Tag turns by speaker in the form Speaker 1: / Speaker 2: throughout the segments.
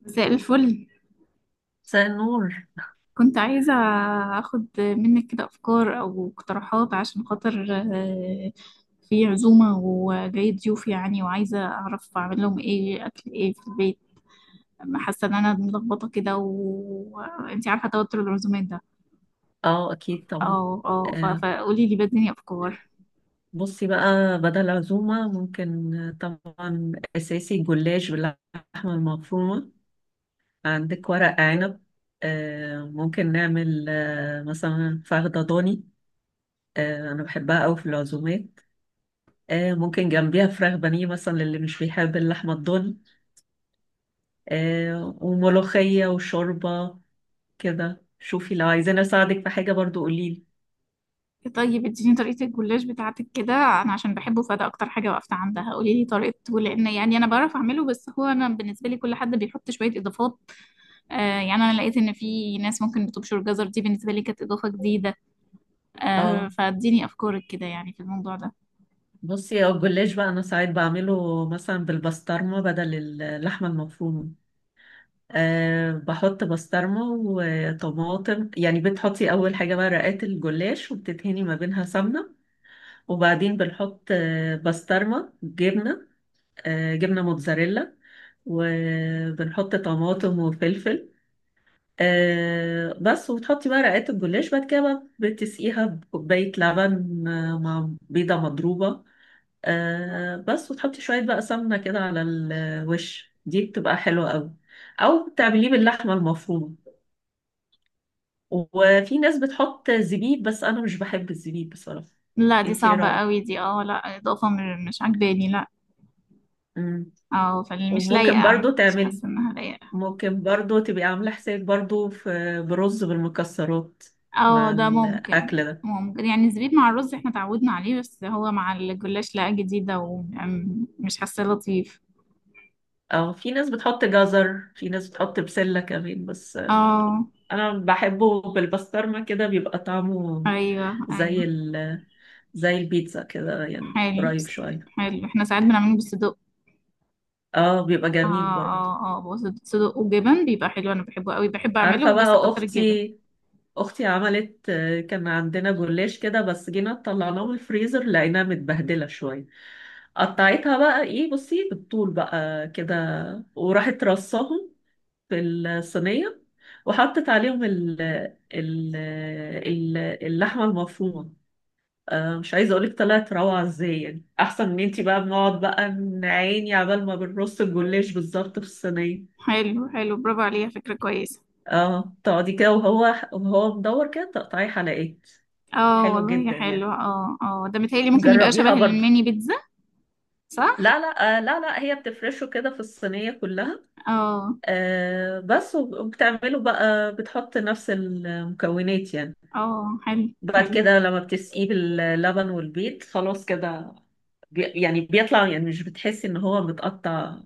Speaker 1: مساء الفل.
Speaker 2: مساء النور.
Speaker 1: كنت عايزة أخد منك كده أفكار أو اقتراحات عشان خاطر آه، في عزومة وجاي ضيوف، يعني وعايزة أعرف أعمل لهم إيه، أكل إيه في البيت. حاسة إن أنا ملخبطة كده، وأنتي عارفة توتر العزومات ده.
Speaker 2: اه اكيد طبعا.
Speaker 1: اه، اه،
Speaker 2: آه
Speaker 1: فقولي لي، بديني أفكار.
Speaker 2: بصي بقى، بدل عزومة ممكن، طبعا اساسي جلاش باللحمة المفرومة. عندك ورق عنب. ممكن نعمل مثلا فخدة ضاني. انا بحبها قوي في العزومات. ممكن جنبيها فراخ بانيه مثلا، للي مش بيحب اللحمة الضاني. وملوخية وشوربة. كده شوفي، لو عايزين اساعدك في حاجة برضو قوليلي.
Speaker 1: طيب اديني طريقة الجلاش بتاعتك كده، أنا عشان بحبه فده أكتر حاجة وقفت عندها. قولي لي طريقته، لأن يعني أنا بعرف أعمله، بس هو أنا بالنسبة لي كل حد بيحط شوية إضافات. آه، يعني أنا لقيت إن في ناس ممكن بتبشر جزر، دي بالنسبة لي كانت إضافة جديدة.
Speaker 2: اه
Speaker 1: فاديني أفكارك كده يعني في الموضوع ده.
Speaker 2: بصي، هو الجلاش بقى انا ساعات بعمله مثلا بالبسطرمه بدل اللحمه المفرومه. بحط بسطرمه وطماطم، يعني بتحطي اول حاجه بقى رقات الجلاش وبتدهني ما بينها سمنه، وبعدين بنحط بسطرمه، جبنه. جبنه موتزاريلا. وبنحط طماطم وفلفل. بس. وبتحطي بقى رقات الجلاش بعد كده بقى، بتسقيها بكوبايه لبن مع بيضه مضروبه. بس. وتحطي شوية بقى سمنة كده على الوش، دي بتبقى حلوة قوي. أو تعمليه باللحمة المفرومة. وفي ناس بتحط زبيب، بس أنا مش بحب الزبيب بصراحة.
Speaker 1: لا، دي
Speaker 2: انتي ايه
Speaker 1: صعبة
Speaker 2: رأيك؟
Speaker 1: قوي دي. اه، لا، إضافة مش عجباني، لا.
Speaker 2: مم.
Speaker 1: اه، فمش
Speaker 2: وممكن
Speaker 1: لايقة،
Speaker 2: برضو
Speaker 1: مش
Speaker 2: تعملي،
Speaker 1: حاسة إنها لايقة.
Speaker 2: ممكن برضو تبقي عاملة حساب برضو في برز بالمكسرات
Speaker 1: اه،
Speaker 2: مع
Speaker 1: ده ممكن
Speaker 2: الأكل ده.
Speaker 1: ممكن يعني. الزبيب مع الرز احنا تعودنا عليه، بس هو مع الجلاش لا، جديدة ومش حاسة لطيف.
Speaker 2: أو في ناس بتحط جزر، في ناس بتحط بسلة كمان. بس
Speaker 1: اه،
Speaker 2: أنا بحبه بالبسطرمة كده، بيبقى طعمه
Speaker 1: ايوه، ايوه.
Speaker 2: زي زي البيتزا كده يعني،
Speaker 1: حلو،
Speaker 2: قريب شوية.
Speaker 1: حلو. احنا ساعات بنعمله بالصدق.
Speaker 2: اه بيبقى
Speaker 1: اه،
Speaker 2: جميل برضه.
Speaker 1: اه، اه. بص، صدق وجبن بيبقى حلو، انا بحبه قوي. بحب اعمله،
Speaker 2: عارفة
Speaker 1: وبس
Speaker 2: بقى
Speaker 1: اكتر الجبن.
Speaker 2: أختي، أختي عملت، كان عندنا جلاش كده، بس جينا طلعناه من الفريزر لقيناها متبهدلة شوية. قطعتها بقى ايه، بصي بالطول بقى كده، وراحت رصاهم في الصينية، وحطت عليهم ال ال- اللحمة المفرومة. مش عايزه اقولك طلعت روعه ازاي، يعني احسن من، انتي بقى بنقعد بقى نعاني عبال ما بنرص الجلاش بالظبط في الصينيه.
Speaker 1: حلو، حلو، برافو عليها، فكرة كويسة.
Speaker 2: اه تقعدي كده، وهو وهو مدور كده تقطعي حلقات.
Speaker 1: اه،
Speaker 2: حلو
Speaker 1: والله يا
Speaker 2: جدا
Speaker 1: حلو.
Speaker 2: يعني.
Speaker 1: اه، اه، ده متهيألي ممكن يبقى شبه
Speaker 2: جربيها برضه.
Speaker 1: الميني بيتزا.
Speaker 2: لا
Speaker 1: صح.
Speaker 2: لا، لا لا، هي بتفرشه كده في الصينيه كلها.
Speaker 1: اه،
Speaker 2: بس وبتعمله بقى، بتحط نفس المكونات يعني.
Speaker 1: اه، حلو،
Speaker 2: بعد
Speaker 1: حلو،
Speaker 2: كده لما بتسقيه باللبن والبيض خلاص كده. يعني بيطلع، يعني مش بتحسي ان هو متقطع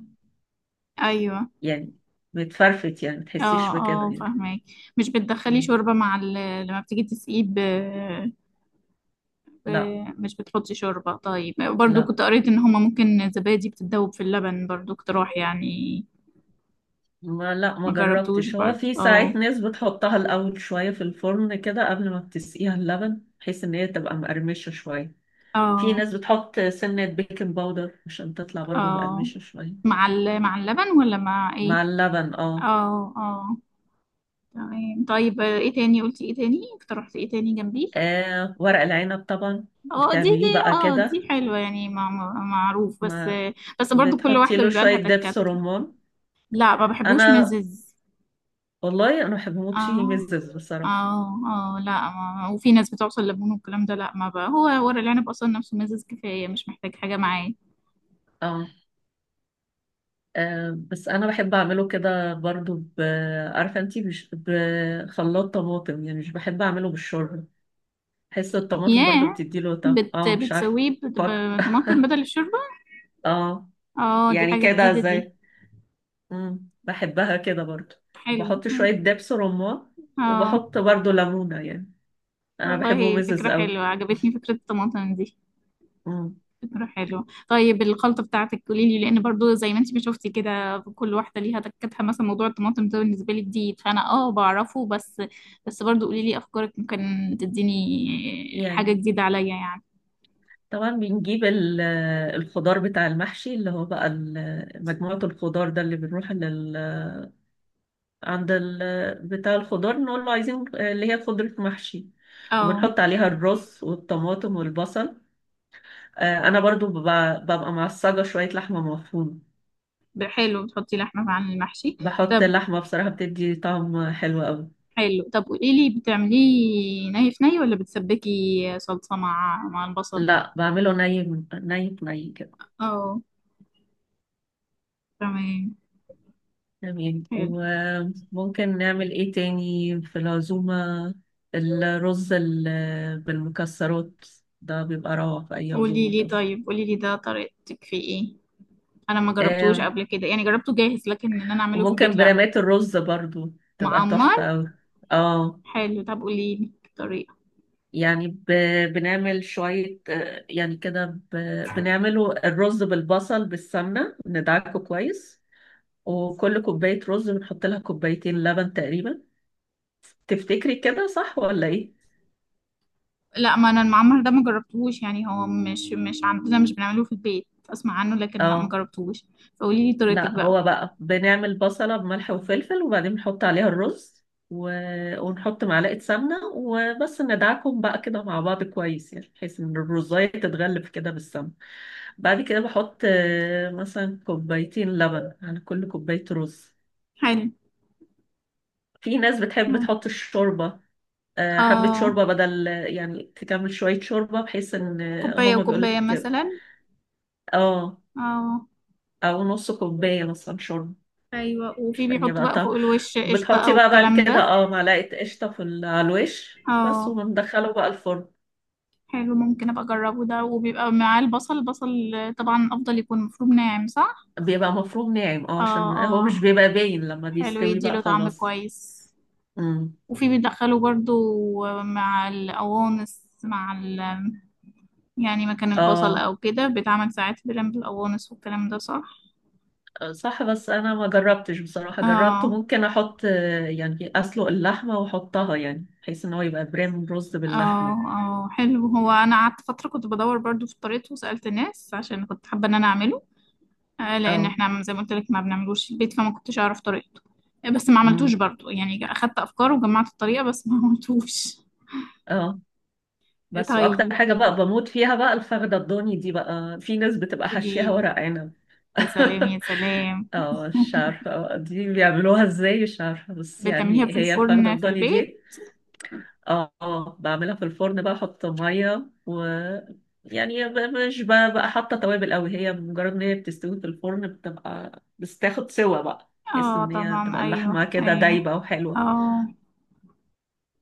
Speaker 1: ايوه.
Speaker 2: يعني. متفرفت يعني،
Speaker 1: اه،
Speaker 2: متحسيش بكده
Speaker 1: اه،
Speaker 2: يعني.
Speaker 1: فاهمك. مش بتدخلي
Speaker 2: مم.
Speaker 1: شوربة لما بتيجي تسقيه ب...
Speaker 2: لا.
Speaker 1: مش بتحطي شوربة؟ طيب، برضو
Speaker 2: لا
Speaker 1: كنت قريت ان هما ممكن الزبادي بتتذوب في اللبن، برضو اقتراح يعني.
Speaker 2: ما
Speaker 1: ما جربتوش
Speaker 2: جربتش. هو
Speaker 1: برضو.
Speaker 2: في
Speaker 1: اه،
Speaker 2: ساعات ناس بتحطها الأول شوية في الفرن كده قبل ما بتسقيها اللبن، بحيث إن هي تبقى مقرمشة شوية. في
Speaker 1: اه،
Speaker 2: ناس بتحط سنة بيكنج باودر عشان تطلع برضو
Speaker 1: اه،
Speaker 2: مقرمشة شوية.
Speaker 1: مع اللبن ولا مع ايه؟
Speaker 2: مع اللبن اه.
Speaker 1: اه، اه، تمام. طيب ايه تاني قلتي؟ ايه تاني اقترحتي؟ ايه تاني جنبيه؟
Speaker 2: ورق العنب طبعا
Speaker 1: اه، دي.
Speaker 2: بتعمليه بقى
Speaker 1: اه،
Speaker 2: كده.
Speaker 1: دي حلوة يعني، معروف بس.
Speaker 2: ما
Speaker 1: بس برضو كل
Speaker 2: بتحطي
Speaker 1: واحدة
Speaker 2: له
Speaker 1: بيبقى
Speaker 2: شوية
Speaker 1: لها تكات.
Speaker 2: دبس رمان.
Speaker 1: لا، ما بحبوش
Speaker 2: أنا،
Speaker 1: مزز.
Speaker 2: والله أنا بحب أموت
Speaker 1: اه،
Speaker 2: فيه مزز بصراحة.
Speaker 1: اه، اه، لا. ما... وفي ناس بتعصر ليمون والكلام ده، لا ما بقى. هو ورق العنب اصلا نفسه مزز كفاية، مش محتاج حاجة معاه.
Speaker 2: اه بس انا بحب اعمله كده برضو عارفه انتي، بخلاط طماطم يعني. مش بحب اعمله بالشوربه. بحس الطماطم برضو
Speaker 1: ياه،
Speaker 2: بتديله طعم، اه مش عارفه.
Speaker 1: بتسويه
Speaker 2: فك
Speaker 1: بطماطم بدل الشوربة؟
Speaker 2: اه
Speaker 1: اه، دي
Speaker 2: يعني
Speaker 1: حاجة
Speaker 2: كده
Speaker 1: جديدة دي.
Speaker 2: زي، مم. بحبها كده برضو.
Speaker 1: حلو،
Speaker 2: بحط
Speaker 1: حلو.
Speaker 2: شويه دبس رمان،
Speaker 1: اه،
Speaker 2: وبحط برضو ليمونه يعني. انا بحبه
Speaker 1: والله
Speaker 2: مزز
Speaker 1: فكرة حلوة،
Speaker 2: قوي.
Speaker 1: عجبتني فكرة الطماطم دي.
Speaker 2: مم.
Speaker 1: فكرة حلوة. طيب الخلطة بتاعتك قولي لي، لأن برضو زي ما انت ما شفتي كده، كل واحدة ليها تكتها. مثلا موضوع الطماطم ده بالنسبة لي جديد، فأنا بعرفه بس. بس برضو قولي لي أفكارك، ممكن تديني حاجة
Speaker 2: يعني
Speaker 1: جديدة عليا يعني.
Speaker 2: طبعا بنجيب الخضار بتاع المحشي، اللي هو بقى مجموعه الخضار ده، اللي بنروح لل، عند بتاع الخضار، نقول له عايزين، اللي هي خضرة محشي.
Speaker 1: اه،
Speaker 2: وبنحط عليها الرز والطماطم والبصل. انا برضو ببقى معصجة شوية لحمة مفرومة.
Speaker 1: حلو، بتحطي لحمة عن المحشي؟
Speaker 2: بحط
Speaker 1: طب
Speaker 2: اللحمة بصراحة بتدي طعم حلو قوي.
Speaker 1: حلو. طب قولي لي، بتعمليه ني في ني ولا بتسبكي صلصة مع البصل؟
Speaker 2: لا بعمله ني من- ني ني كده.
Speaker 1: اه، تمام.
Speaker 2: تمام.
Speaker 1: حلو،
Speaker 2: وممكن نعمل ايه تاني في العزومة. الرز بالمكسرات ده بيبقى روعة في أي
Speaker 1: قولي
Speaker 2: عزومة.
Speaker 1: لي طيب، قولي لي ده طريقتك فيه ايه. انا ما جربتوش
Speaker 2: طبعا.
Speaker 1: قبل كده يعني، جربته جاهز، لكن ان انا اعمله في
Speaker 2: وممكن
Speaker 1: البيت لا.
Speaker 2: برامات الرز برضو تبقى
Speaker 1: معمر.
Speaker 2: تحفة أوي. اه
Speaker 1: حلو، طب قولي لي الطريقه.
Speaker 2: يعني بنعمل شوية، يعني كده بنعمله الرز بالبصل بالسمنة، ندعكه كويس. وكل كوباية رز بنحط لها كوبايتين لبن تقريبا. تفتكري كده صح ولا ايه؟
Speaker 1: لا، ما انا المعمر ده ما جربتوش يعني، هو مش عندنا، مش بنعمله في البيت، اسمع عنه لكن لا، ما
Speaker 2: اه
Speaker 1: جربتوش. فقولي لي طريقتك
Speaker 2: لا،
Speaker 1: بقى.
Speaker 2: هو بقى بنعمل بصلة بملح وفلفل، وبعدين بنحط عليها الرز، و... ونحط معلقة سمنة وبس، ندعكم بقى كده مع بعض كويس يعني، بحيث ان الرزاية تتغلف كده بالسمنة. بعد كده بحط مثلا كوبايتين لبن على كل كوباية رز.
Speaker 1: حلو.
Speaker 2: في ناس بتحب تحط الشوربة، حبة
Speaker 1: اه،
Speaker 2: شوربة بدل، يعني تكمل شوية شوربة بحيث ان،
Speaker 1: كوبايه
Speaker 2: هما
Speaker 1: وكوبايه
Speaker 2: بيقولك
Speaker 1: مثلا.
Speaker 2: اه،
Speaker 1: اه،
Speaker 2: او نص كوباية مثلا شوربة،
Speaker 1: ايوه. وفي
Speaker 2: عشان
Speaker 1: بيحطوا
Speaker 2: يبقى
Speaker 1: بقى فوق
Speaker 2: طعم.
Speaker 1: الوش قشطه
Speaker 2: بتحطي
Speaker 1: او
Speaker 2: بقى بعد
Speaker 1: الكلام
Speaker 2: كده
Speaker 1: ده.
Speaker 2: اه معلقة قشطة في على الوش بس،
Speaker 1: اه،
Speaker 2: ومندخله بقى الفرن.
Speaker 1: حلو، ممكن ابقى اجربه ده. وبيبقى معاه البصل. البصل طبعا افضل يكون مفروم ناعم، صح؟
Speaker 2: بيبقى مفروم ناعم اه،
Speaker 1: اه،
Speaker 2: عشان هو مش
Speaker 1: اه،
Speaker 2: بيبقى باين لما
Speaker 1: حلو،
Speaker 2: بيستوي بقى
Speaker 1: يديله طعم
Speaker 2: خلاص.
Speaker 1: كويس.
Speaker 2: امم.
Speaker 1: وفي بيدخله برضو، مع القوانص، مع ال يعني مكان البصل
Speaker 2: اه
Speaker 1: او كده، بيتعمل ساعات بلم بالقوانص والكلام ده، صح؟
Speaker 2: صح، بس انا ما جربتش بصراحة. جربت
Speaker 1: اه،
Speaker 2: ممكن احط، يعني اسلق اللحمة واحطها، يعني بحيث ان هو يبقى بريم رز
Speaker 1: اه،
Speaker 2: باللحمة.
Speaker 1: اه، حلو. هو انا قعدت فترة كنت بدور برضو في طريقته، وسألت الناس عشان كنت حابة ان انا اعمله، لان
Speaker 2: اه.
Speaker 1: احنا زي ما قلت لك ما بنعملوش في البيت، فما كنتش اعرف طريقته. بس ما
Speaker 2: امم.
Speaker 1: عملتوش برضو يعني، اخدت افكار وجمعت الطريقه بس ما عملتوش.
Speaker 2: اه بس، واكتر
Speaker 1: طيب
Speaker 2: حاجة بقى بموت فيها بقى الفخدة الضاني دي، بقى في ناس بتبقى
Speaker 1: قولي
Speaker 2: حشيها
Speaker 1: لي.
Speaker 2: ورق عنب.
Speaker 1: يا سلام، يا سلام.
Speaker 2: اه مش عارفة بقى دي بيعملوها ازاي، مش عارفة، بس
Speaker 1: بتعمليها
Speaker 2: يعني
Speaker 1: في
Speaker 2: هي الفخدة
Speaker 1: الفرن في
Speaker 2: الضاني
Speaker 1: البيت؟
Speaker 2: دي. اه بعملها في الفرن بقى، احط مية و، مش بقى حاطة توابل قوي، هي مجرد ان هي بتستوي في الفرن بتبقى بس تاخد سوا بقى، بحيث
Speaker 1: اه،
Speaker 2: ان هي
Speaker 1: طبعا،
Speaker 2: تبقى
Speaker 1: ايوه،
Speaker 2: اللحمة كده
Speaker 1: ايوه.
Speaker 2: دايبة وحلوة.
Speaker 1: اه،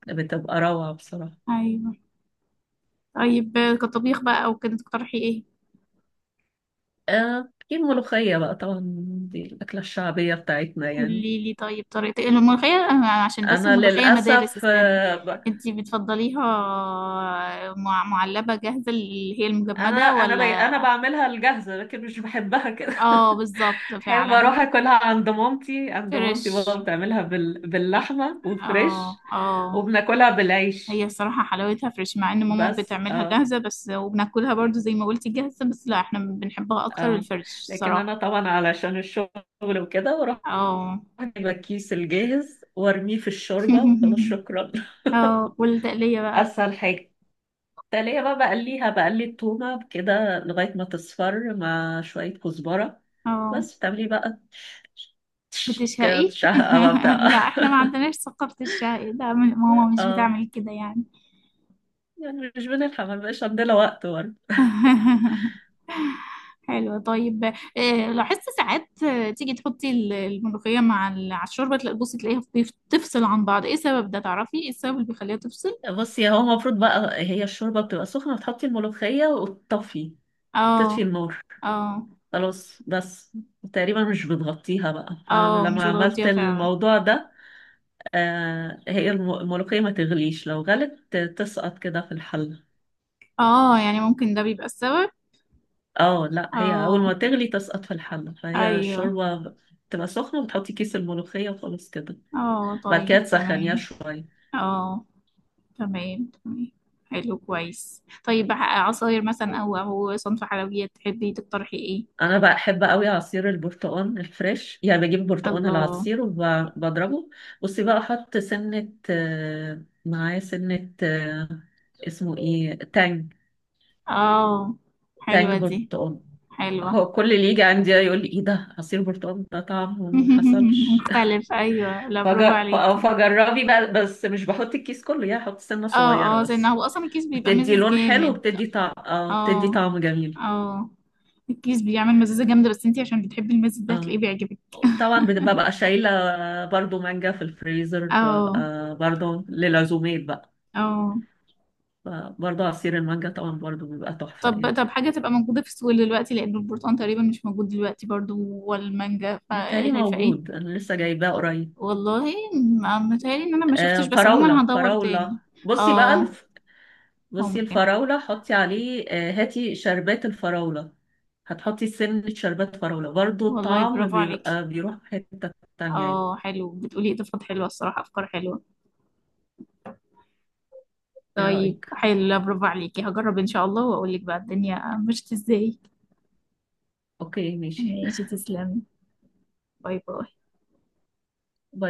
Speaker 2: بتبقى روعة بصراحة.
Speaker 1: ايوه. طيب كطبيخ بقى او كده تقترحي ايه؟
Speaker 2: في الملوخية بقى طبعا، دي الأكلة الشعبية بتاعتنا يعني.
Speaker 1: قولي لي طيب، طريقه إيه؟ الملوخيه، عشان بس
Speaker 2: أنا
Speaker 1: الملوخيه مدارس،
Speaker 2: للأسف
Speaker 1: استني. انتي بتفضليها معلبه جاهزه، اللي هي
Speaker 2: أنا
Speaker 1: المجمده،
Speaker 2: أنا بي
Speaker 1: ولا؟
Speaker 2: أنا بعملها الجاهزة، لكن مش بحبها كده
Speaker 1: اه، بالظبط
Speaker 2: بحب
Speaker 1: فعلا.
Speaker 2: أروح أكلها عند مامتي، عند مامتي بابا
Speaker 1: فريش.
Speaker 2: بتعملها باللحمة
Speaker 1: اه،
Speaker 2: وفريش.
Speaker 1: اه.
Speaker 2: وبناكلها
Speaker 1: هي
Speaker 2: بالعيش.
Speaker 1: الصراحة حلاوتها فريش، مع ان ماما
Speaker 2: بس
Speaker 1: بتعملها
Speaker 2: اه.
Speaker 1: جاهزة بس وبناكلها برضو زي ما قلتي جاهزة بس. لا، احنا بنحبها اكتر
Speaker 2: اه
Speaker 1: الفريش.
Speaker 2: لكن أنا
Speaker 1: صراحة.
Speaker 2: طبعا علشان الشغل وكده بروح
Speaker 1: اه.
Speaker 2: أجيب الكيس الجاهز وأرميه في الشوربة وخلاص شكرا.
Speaker 1: اه، والتقلية بقى؟
Speaker 2: أسهل حاجة. تلاقيها بقى بقليها، بقلي التومة كده لغاية ما تصفر مع شوية كزبرة.
Speaker 1: اه،
Speaker 2: بس بتعملي بقى كده
Speaker 1: بتشهقي؟
Speaker 2: تشهقة بقى بتاع
Speaker 1: لا، احنا ما عندناش ثقافة الشهي ده، ماما مش
Speaker 2: اه
Speaker 1: بتعمل كده يعني.
Speaker 2: يعني مش بنلحق، ما بقاش عندنا وقت برضه.
Speaker 1: حلو، طيب لاحظت ساعات تيجي تحطي الملوخية على الشوربة، تلاقي، بصي، تلاقيها تفصل عن بعض، ايه السبب ده، تعرفي ايه السبب اللي بيخليها تفصل؟
Speaker 2: بصي، هو المفروض بقى هي الشوربة بتبقى سخنة، بتحطي الملوخية وتطفي، تطفي
Speaker 1: اه،
Speaker 2: النار
Speaker 1: اه،
Speaker 2: خلاص بس. تقريبا مش بتغطيها بقى،
Speaker 1: اه، مش
Speaker 2: فلما عملت
Speaker 1: بتغطيها فعلا.
Speaker 2: الموضوع ده، آه هي الملوخية ما تغليش، لو غلت تسقط كده في الحل.
Speaker 1: اه، يعني ممكن ده بيبقى السبب.
Speaker 2: اه لا هي اول
Speaker 1: اه،
Speaker 2: ما تغلي تسقط في الحله، فهي
Speaker 1: ايوه.
Speaker 2: الشوربه تبقى سخنه وتحطي كيس الملوخيه وخلاص كده.
Speaker 1: اه،
Speaker 2: بعد كده
Speaker 1: طيب،
Speaker 2: تسخنيها
Speaker 1: تمام.
Speaker 2: شويه.
Speaker 1: اه، تمام، تمام. حلو، كويس. طيب عصاير مثلا او صنف حلويات، تحبي تقترحي ايه؟
Speaker 2: انا بحب قوي عصير البرتقال الفريش، يعني بجيب برتقال
Speaker 1: الله.
Speaker 2: العصير وبضربه. بصي بقى احط سنه معاه سنه اسمه ايه، تانج.
Speaker 1: اه،
Speaker 2: تانج
Speaker 1: حلوة دي.
Speaker 2: برتقال.
Speaker 1: حلوة.
Speaker 2: هو كل اللي يجي عندي يقول لي ايه ده، عصير برتقال ده طعمه ما حصلش.
Speaker 1: مختلف، ايوه. لا، برافو
Speaker 2: فج-
Speaker 1: عليكي.
Speaker 2: ف- فجربي بقى، بس مش بحط الكيس كله، يعني احط سنه صغيره
Speaker 1: اه، اه، زي
Speaker 2: بس.
Speaker 1: هو اصلا الكيس بيبقى
Speaker 2: بتدي
Speaker 1: مزز
Speaker 2: لون حلو
Speaker 1: جامد.
Speaker 2: وبتدي طعم، اه بتدي
Speaker 1: اه،
Speaker 2: طعم جميل.
Speaker 1: اه. الكيس بيعمل مزازة جامدة، بس انتي عشان بتحبي المزز ده
Speaker 2: اه
Speaker 1: هتلاقيه بيعجبك.
Speaker 2: طبعا ببقى شايلة برضو مانجا في الفريزر،
Speaker 1: اه،
Speaker 2: ببقى برضو للعزومات بقى.
Speaker 1: اه.
Speaker 2: برضو عصير المانجا طبعا برضو بيبقى تحفة
Speaker 1: طب
Speaker 2: يعني.
Speaker 1: طب حاجة تبقى موجودة في السوق دلوقتي، لأن البرتقال تقريبا مش موجود دلوقتي برضو والمانجا،
Speaker 2: متهيألي
Speaker 1: فشايفة ايه؟
Speaker 2: موجود، أنا لسه جايباه قريب.
Speaker 1: والله متهيألي ان انا ما
Speaker 2: آه
Speaker 1: شفتش، بس عموما
Speaker 2: فراولة،
Speaker 1: هدور تاني.
Speaker 2: فراولة بصي بقى
Speaker 1: اه،
Speaker 2: بصي
Speaker 1: ممكن.
Speaker 2: الفراولة، حطي عليه آه، هاتي شربات الفراولة. هتحطي سنة شربات فراولة، برضو
Speaker 1: والله،
Speaker 2: الطعم
Speaker 1: برافو عليكي.
Speaker 2: بيبقى بيروح في حتة تانية يعني.
Speaker 1: اه، حلو، بتقولي اضافات حلوه الصراحه، افكار حلوه.
Speaker 2: ايه
Speaker 1: طيب،
Speaker 2: رأيك؟
Speaker 1: حلو. لا، برافو عليكي، هجرب ان شاء الله واقول لك بقى الدنيا مشت ازاي.
Speaker 2: اوكي ماشي.
Speaker 1: ماشي، تسلمي. باي باي.